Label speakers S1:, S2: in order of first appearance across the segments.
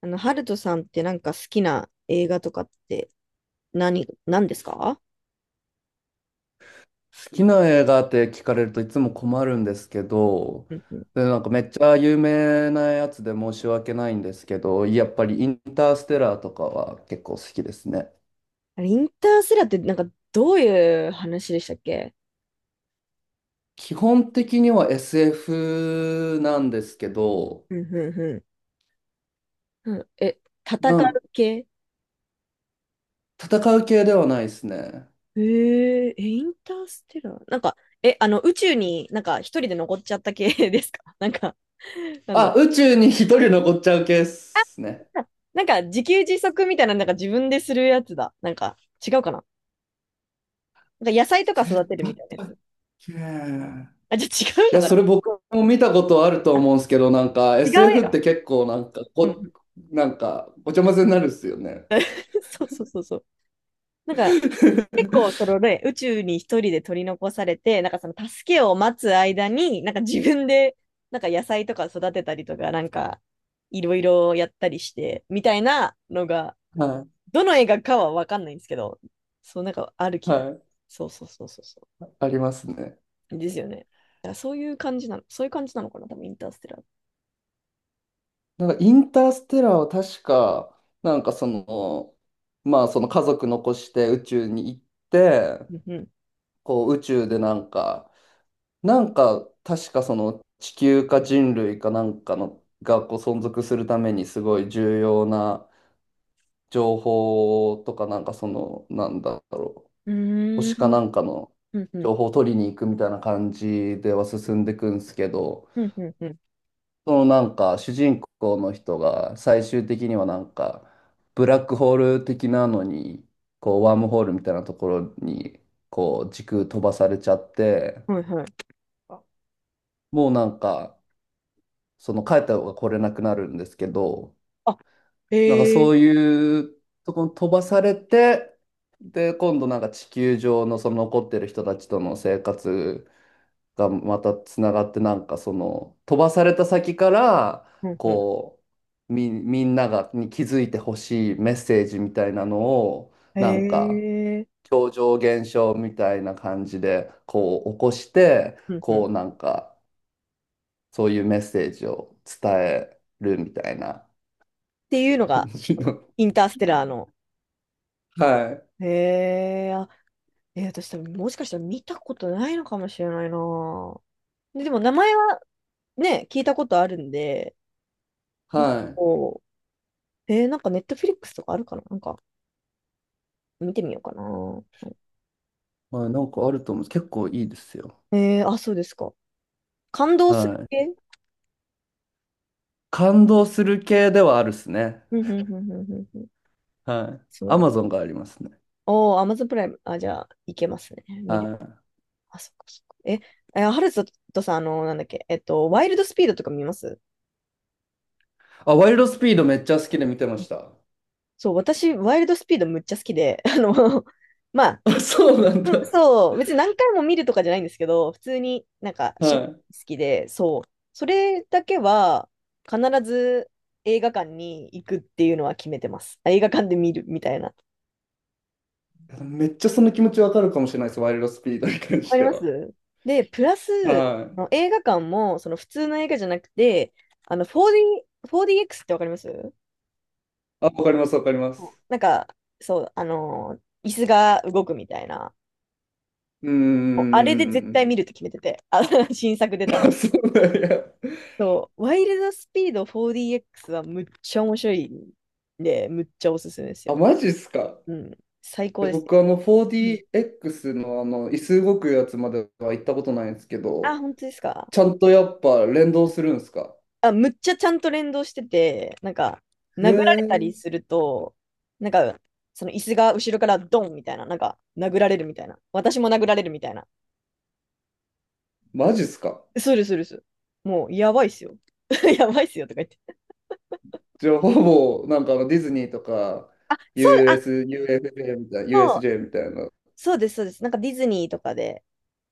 S1: ハルトさんってなんか好きな映画とかって何ですか？
S2: 好きな映画って聞かれるといつも困るんですけど、
S1: うんうん。
S2: で、なんかめっちゃ有名なやつで申し訳ないんですけど、やっぱりインターステラーとかは結構好きですね。
S1: あれ、インターステラーってなんかどういう話でしたっけ？
S2: 基本的には SF なんですけど、
S1: うんうんうん。うん、え、戦
S2: な
S1: う
S2: ん
S1: 系？
S2: 戦う系ではないですね。
S1: へえ、え、インターステラーなんか、え、あの、宇宙になんか一人で残っちゃった系 ですかなんか、なんだろう。
S2: あ、宇宙に一人残っちゃう系ですね。
S1: なんか自給自足みたいな、なんか自分でするやつだ。なんか違うかな？なんか野菜とか
S2: 出
S1: 育てる
S2: た
S1: み
S2: っ
S1: たいなやつ。
S2: け？
S1: あ、じゃあ違う
S2: い
S1: の
S2: や、
S1: かな？
S2: それ僕も見たことあると
S1: あ
S2: 思うんですけど、なんか
S1: 違うや
S2: SF っ
S1: ろ。
S2: て結構なんか
S1: う
S2: こ、
S1: ん。
S2: なんかごちゃ混ぜになるっすよね。
S1: そうそうそうそう。なんか、結構、そ のね、宇宙に一人で取り残されて、なんかその助けを待つ間に、なんか自分で、なんか野菜とか育てたりとか、なんか、いろいろやったりして、みたいなのが、
S2: は
S1: どの映画かはわかんないんですけど、そう、なんかある
S2: い、
S1: 気が。
S2: はい、
S1: そうそうそうそうそ
S2: ありますね。
S1: う。ですよね。だからそういう感じなの、そういう感じなのかな、多分インターステラー。
S2: なんかインターステラーは確か、なんかその、まあその家族残して宇宙に行って、
S1: うん
S2: こう宇宙でなんか確かその地球か人類かなんかのがこう存続するためにすごい重要な情報とかなんかその、なんだろう、
S1: うん。う
S2: 星か
S1: ーん。
S2: なんかの
S1: うんうん。
S2: 情報を取りに行くみたいな感じでは進んでいくんですけど、
S1: うんうんう
S2: そのなんか主人公の人が最終的にはなんかブラックホール的なのに、こうワームホールみたいなところにこう時空飛ばされちゃって、
S1: ん。はいはい。
S2: もうなんかその帰った方が来れなくなるんですけど、
S1: あ、
S2: なんか
S1: へ
S2: そ
S1: え。
S2: ういうとこに飛ばされて、で、今度なんか地球上のその残ってる人たちとの生活がまたつながって、なんかその飛ばされた先から、
S1: うんうん。
S2: こう、みんながに気づいてほしいメッセージみたいなのを、なん
S1: へ
S2: か、
S1: え。
S2: 超常現象みたいな感じで、こう起こして、
S1: うんうん。
S2: こうなんか、そういうメッセージを伝えるみたいな
S1: っていうの
S2: 感
S1: が、
S2: じ
S1: その
S2: の。
S1: インターステラーの。
S2: はい。
S1: へえ、あ、えー私多分もしかしたら見たことないのかもしれないな。でも名前はね、聞いたことあるんで、
S2: はい。
S1: こう、えーなんかネットフィリックスとかあるかな、なんか見てみようかな。
S2: まあ、なんかあると思うんです。結構いいですよ。
S1: えーあ、そうですか。感動する
S2: はい。
S1: 系？
S2: 感動する系ではあるっすね。
S1: うんうんうんうんうんうん。
S2: はい。
S1: そう
S2: ア
S1: なの。
S2: マゾンがありますね。
S1: おー、アマゾンプライム。あ、じゃあ、いけますね。
S2: は
S1: 見る。
S2: い。
S1: あ、そっかそっか。え、ハルトとさん、あの、なんだっけ、えっと、ワイルドスピードとか見ます？
S2: あ、ワイルドスピードめっちゃ好きで見てました。
S1: そう、私、ワイルドスピードむっちゃ好きで、まあ、
S2: あ、そうなん
S1: うん
S2: だ。
S1: そう、別に何回も見るとかじゃないんですけど、普通になんか好
S2: は
S1: きで、そう、それだけは必ず映画館に行くっていうのは決めてます。映画館で見るみたいな。
S2: い。めっちゃその気持ちわかるかもしれないです。ワイルドスピードに関
S1: わか
S2: し
S1: り
S2: て
S1: ま
S2: は。
S1: す。で、プラス、
S2: はい。
S1: あの映画館もその普通の映画じゃなくて、あの 4D、4DX ってわかります？
S2: あ、わかります、わかりま
S1: そう
S2: す。
S1: なんか、そう、あの椅子が動くみたいな。
S2: うー
S1: もうあれで絶対
S2: ん。
S1: 見るって決めてて、あ 新作出たら。
S2: あ、そうなんや。
S1: そう、ワイルドスピード 4DX はむっちゃ面白いんで、むっちゃおすすめです
S2: あ、
S1: よ。
S2: マジっすか。
S1: うん、最高
S2: え
S1: ですね。
S2: 僕、あの、
S1: うん、
S2: 4DX のあの、椅子動くやつまでは行ったことないんですけ
S1: あ、
S2: ど、
S1: 本当ですか。
S2: ちゃんとやっぱ連動するんすか？
S1: あ、むっちゃちゃんと連動してて、なんか、
S2: へ
S1: 殴られた
S2: え、
S1: りすると、なんか、その椅子が後ろからドンみたいな、なんか、殴られるみたいな。私も殴られるみたいな。
S2: マジっすか？
S1: するするする。もう、やばいっすよ。やばいっすよとか言って。
S2: じゃあほぼ、なんかあのディズニーとか、
S1: あ、そう、あ、
S2: US、UFJ みたいな、
S1: そう、
S2: USJ みたいな。
S1: そうです、そうです。なんかディズニーとかで、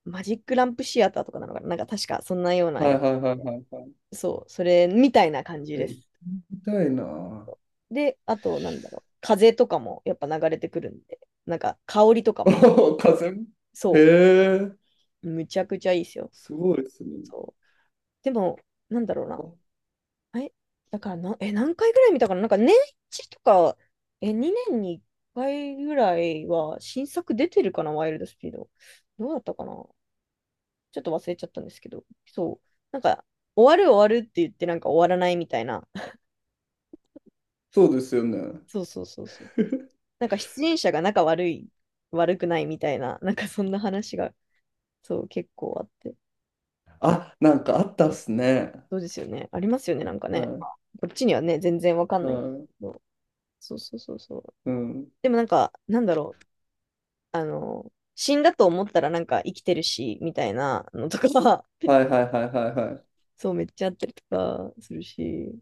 S1: マジックランプシアターとかなのかな、なんか確かそんなような
S2: は
S1: や、
S2: いはいはいはいはい。
S1: そう、それみたいな感じ
S2: え、
S1: で
S2: 行って
S1: す。
S2: みたいな。
S1: で、あと、なんだろう、風とかもやっぱ流れてくるんで、なんか香りとか も、
S2: お風邪。へ
S1: そ
S2: え、
S1: う、むちゃくちゃいいですよ。
S2: すごいですね。
S1: そう。でも、なんだろうな。
S2: あ、
S1: え、だからな、え、何回ぐらい見たかな、なんか年一とか、え、2年に1回ぐらいは新作出てるかな、ワイルドスピード。どうだったかな、ちょっと忘れちゃったんですけど、そう。なんか、終わるって言ってなんか終わらないみたいな。
S2: そうですよね。
S1: そうそうそうそうそう。なんか出演者が仲悪くないみたいな、なんかそんな話が、そう、結構あって。
S2: あ、なんかあったっすね。
S1: そうですよね。ありますよね、なんかね。まあ
S2: は
S1: こっちにはね、全然わか
S2: い、
S1: んないけ
S2: はい、
S1: ど。そうそうそうそう。
S2: うん。
S1: でもなんか、なんだろう。あの、死んだと思ったらなんか生きてるし、みたいなのとか、
S2: はいはいはいはいはい。
S1: そう、めっちゃあったりとかするし。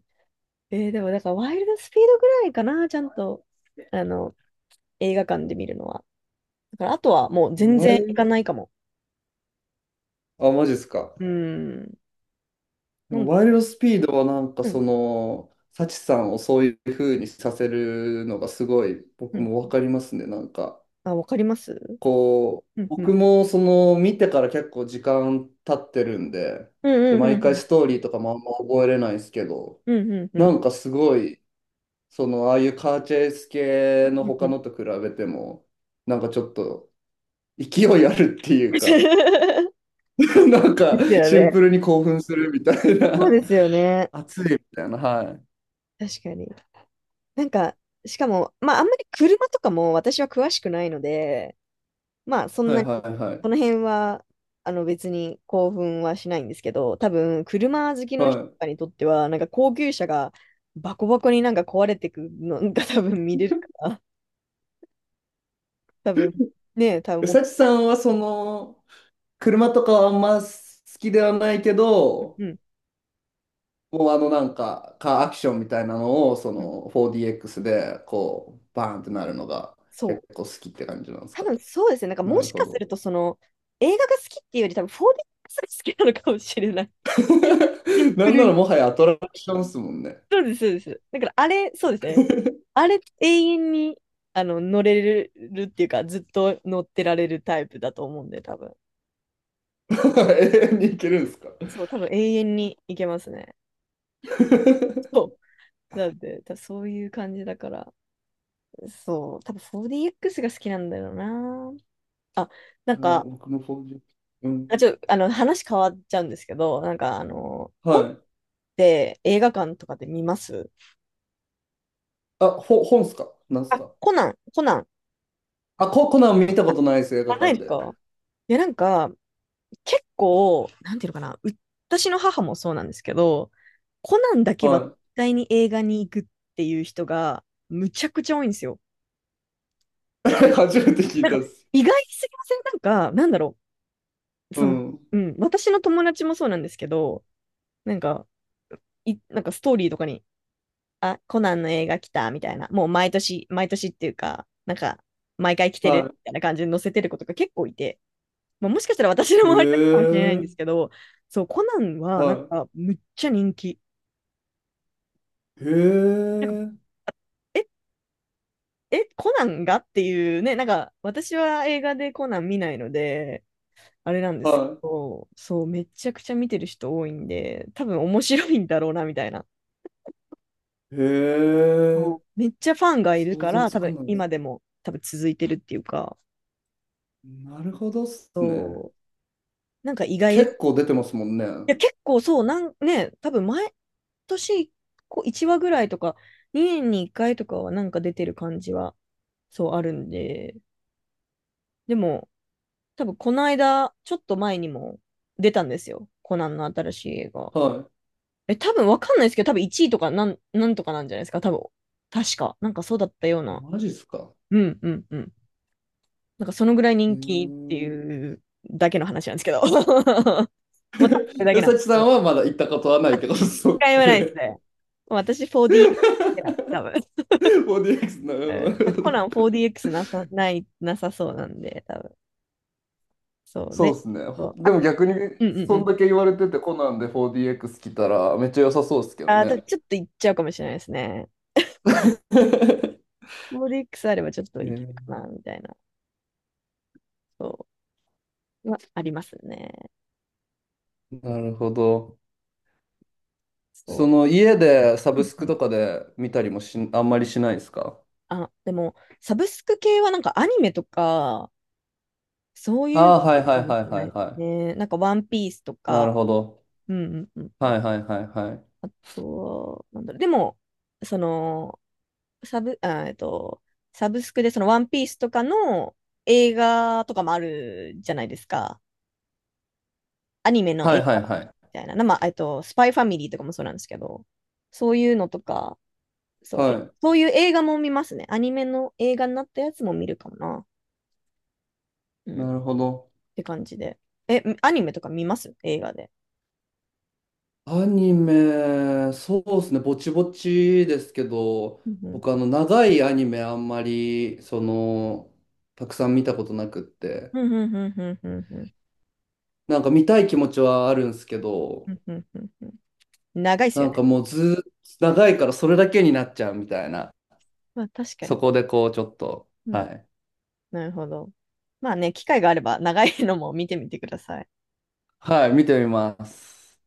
S1: えーでも、だから、ワイルドスピードぐらいかな、ちゃんと、あの、映画館で見るのは。だから、あとはもう全
S2: ワ
S1: 然行
S2: イ、
S1: かないかも。
S2: あ、マジっすか。
S1: うん。なんだ
S2: ワイ
S1: ろ
S2: ルドスピードはなんか
S1: う。う
S2: そ
S1: ん。
S2: の、サチさんをそういう風にさせるのがすごい
S1: う
S2: 僕
S1: ん。
S2: もわかりますね。なんか、
S1: あ、わかります。
S2: こう、
S1: うんう
S2: 僕
S1: ん。
S2: もその見てから結構時間経ってるんで、
S1: うん
S2: で、
S1: うんうんう
S2: 毎回
S1: ん。
S2: ストーリーとかもあんま覚えれないですけど、
S1: うんうんうん。
S2: なんかすごい、その、ああいうカーチェイス
S1: う
S2: 系
S1: ん
S2: の
S1: うんう
S2: 他
S1: ん。
S2: のと比べても、なんかちょっと勢いあるっていうか、なん
S1: で
S2: か
S1: すよ
S2: シンプ
S1: ね。
S2: ルに興奮するみたい
S1: そう
S2: な、
S1: ですよね。
S2: 熱いみたいな、はい。
S1: 確かに。なんか、しかも、まあ、あんまり車とかも私は詳しくないので、まあ、そん
S2: はい
S1: なに、
S2: はいは
S1: こ
S2: い。
S1: の辺は、あの、別に興奮はしないんですけど、多分、車好きの人
S2: は
S1: とかにとっては、なんか高級車がバコバコになんか壊れてくのが多分見れるから、多分、ねえ、多分
S2: い。
S1: も
S2: サ
S1: う、
S2: チさんはその、車とかはあんま好きではないけど、
S1: うん、
S2: もうあのなんか、カーアクションみたいなのを、そ
S1: うん、
S2: の 4DX で、こう、バーンってなるのが結
S1: そう。
S2: 構好きって感じなんです
S1: 多
S2: か？
S1: 分そうですね。なんか
S2: な
S1: も
S2: る
S1: し
S2: ほ
S1: かす
S2: ど。
S1: ると、その、映画が好きっていうより、多分 4DX が好きなのかもしれない。シン
S2: な
S1: プ
S2: ん
S1: ル
S2: なら
S1: に。
S2: もはやアトラクションっすもんね。
S1: そうです、そうです。だからあれ、そうですね。あれ、永遠に、あの、乗れるっていうか、ずっと乗ってられるタイプだと思うんで、多分。
S2: 永遠に行けるんですか？
S1: そう、多分永遠にいけますね。そ う。だって、多分そういう感じだから、そう、多分 4DX が好きなんだよな。あ、な
S2: い
S1: ん
S2: や
S1: か、
S2: 僕の 4DX。うん。
S1: あ、ちょ、あの、話変わっちゃうんですけど、本っ
S2: はい。
S1: て映画館とかで見ます？
S2: あ、本っすかなんす
S1: あ、
S2: か？
S1: コナン、
S2: あ、コナン見た
S1: あ、
S2: ことないです、映画
S1: あない
S2: 館
S1: です
S2: で。
S1: か？いや、なんか、なんていうのかな、私の母もそうなんですけど、コナンだけは
S2: は
S1: 絶
S2: い。
S1: 対に映画に行くっていう人が、むちゃくちゃ多いんですよ。
S2: 初めて聞いたっす。
S1: 意外すぎません？なんか、なんだろう。
S2: う
S1: その、
S2: ん。
S1: うん、私の友達もそうなんですけど、なんか、なんかストーリーとかに、あ、コナンの映画来たみたいな、もう毎年っていうか、なんか、毎回来てる
S2: は
S1: みたいな感じで載せてる子とか結構いて、まあ、もしかしたら私の
S2: い。へ
S1: 周りだけかもしれないんです
S2: え。
S1: けど、そう、コナンはなん
S2: は
S1: か、むっちゃ人気。
S2: い。へ
S1: なんか、
S2: え。
S1: え、コナンがっていうね、なんか、私は映画でコナン見ないので、あれなんで
S2: は
S1: すけど、そう、めちゃくちゃ見てる人多いんで、多分面白いんだろうな、みたいな。
S2: い。へえ。
S1: もうめっちゃファンがいる
S2: 想
S1: か
S2: 像
S1: ら、
S2: つ
S1: 多
S2: か
S1: 分
S2: ないで
S1: 今
S2: す。
S1: でも多分続いてるっていうか、
S2: なるほどっすね。
S1: そう、なんか意外です。い
S2: 結構出てますもんね。は
S1: や、結構そう、なんね、多分毎年こう1話ぐらいとか、2年に1回とかはなんか出てる感じは、そうあるんで、でも、多分この間、ちょっと前にも出たんですよ。コナンの新しい映画。
S2: い。
S1: え、多分わかんないですけど、多分1位とかなんとかなんじゃないですか、多分。確か。なんかそうだったよう
S2: あ、
S1: な。
S2: マジっすか。
S1: うんうんうん。なんかそのぐらい
S2: へ
S1: 人気って
S2: え。
S1: いうだけの話なんですけど。もう多分それだけ
S2: え、
S1: な
S2: さ
S1: んで
S2: き
S1: すけ
S2: さん
S1: ど。
S2: はまだ行ったことはないってこと？
S1: 一
S2: そ
S1: 回
S2: う
S1: もないで
S2: で
S1: すね。私 4DX なんで、多分。
S2: すもんね。4DX なるほど。な
S1: う
S2: る
S1: ん
S2: ほ
S1: コナン
S2: ど、
S1: 4DX なさそうなんで、多分。そう
S2: そう
S1: で、
S2: ですね。ほ
S1: そう。あ、
S2: でも逆に、
S1: うんうんう
S2: そん
S1: ん。
S2: だけ言われてて、コナンで 4DX 来たら、めっちゃ良さそうですけど
S1: あだ
S2: ね。
S1: ちょっといっちゃうかもしれないですね。4DX あればちょっと
S2: へ
S1: いけるか
S2: え、
S1: な、みたいな。そう。はありますね。
S2: なるほど。そ
S1: そ
S2: の家でサ
S1: う。
S2: ブ
S1: うん
S2: ス
S1: う
S2: ク
S1: ん。
S2: とかで見たりもし、あんまりしないですか？
S1: あ、でも、サブスク系はなんかアニメとか、そういう
S2: ああー、はい
S1: の
S2: は
S1: か
S2: い
S1: もし
S2: はい
S1: れ
S2: は
S1: な
S2: い
S1: いです
S2: は
S1: ね。なんかワンピースと
S2: い。なる
S1: か、
S2: ほど。
S1: うんうんうん。
S2: はいはいはいはい。
S1: となんだろう。でも、その、サブ、あ、えっと、サブスクでそのワンピースとかの映画とかもあるじゃないですか。アニメの
S2: は
S1: 映画
S2: いはい
S1: み
S2: はい。
S1: たいな。な、スパイファミリーとかもそうなんですけど、そういうのとか、そう、え、
S2: は
S1: そういう映画も見ますね。アニメの映画になったやつも見るかもな。う
S2: い。
S1: ん。っ
S2: なるほど。
S1: て感じで。え、アニメとか見ます映画で？
S2: アニメ、そうですね、ぼちぼちですけど、
S1: うんうん。
S2: 僕あの長いアニメあんまり、その、たくさん見たことなくって、
S1: うんうんうんうんうんうん。
S2: なんか見たい気持ちはあるんですけ
S1: う
S2: ど、
S1: んうんうんうん、長いです
S2: な
S1: よ
S2: んか
S1: ね。
S2: もうずーっと長いからそれだけになっちゃうみたいな。
S1: まあ確か
S2: そ
S1: に。
S2: こでこう、ちょっと、
S1: うん、
S2: はい。
S1: なるほど。まあね、機会があれば長いのも見てみてください。
S2: はい、見てみます。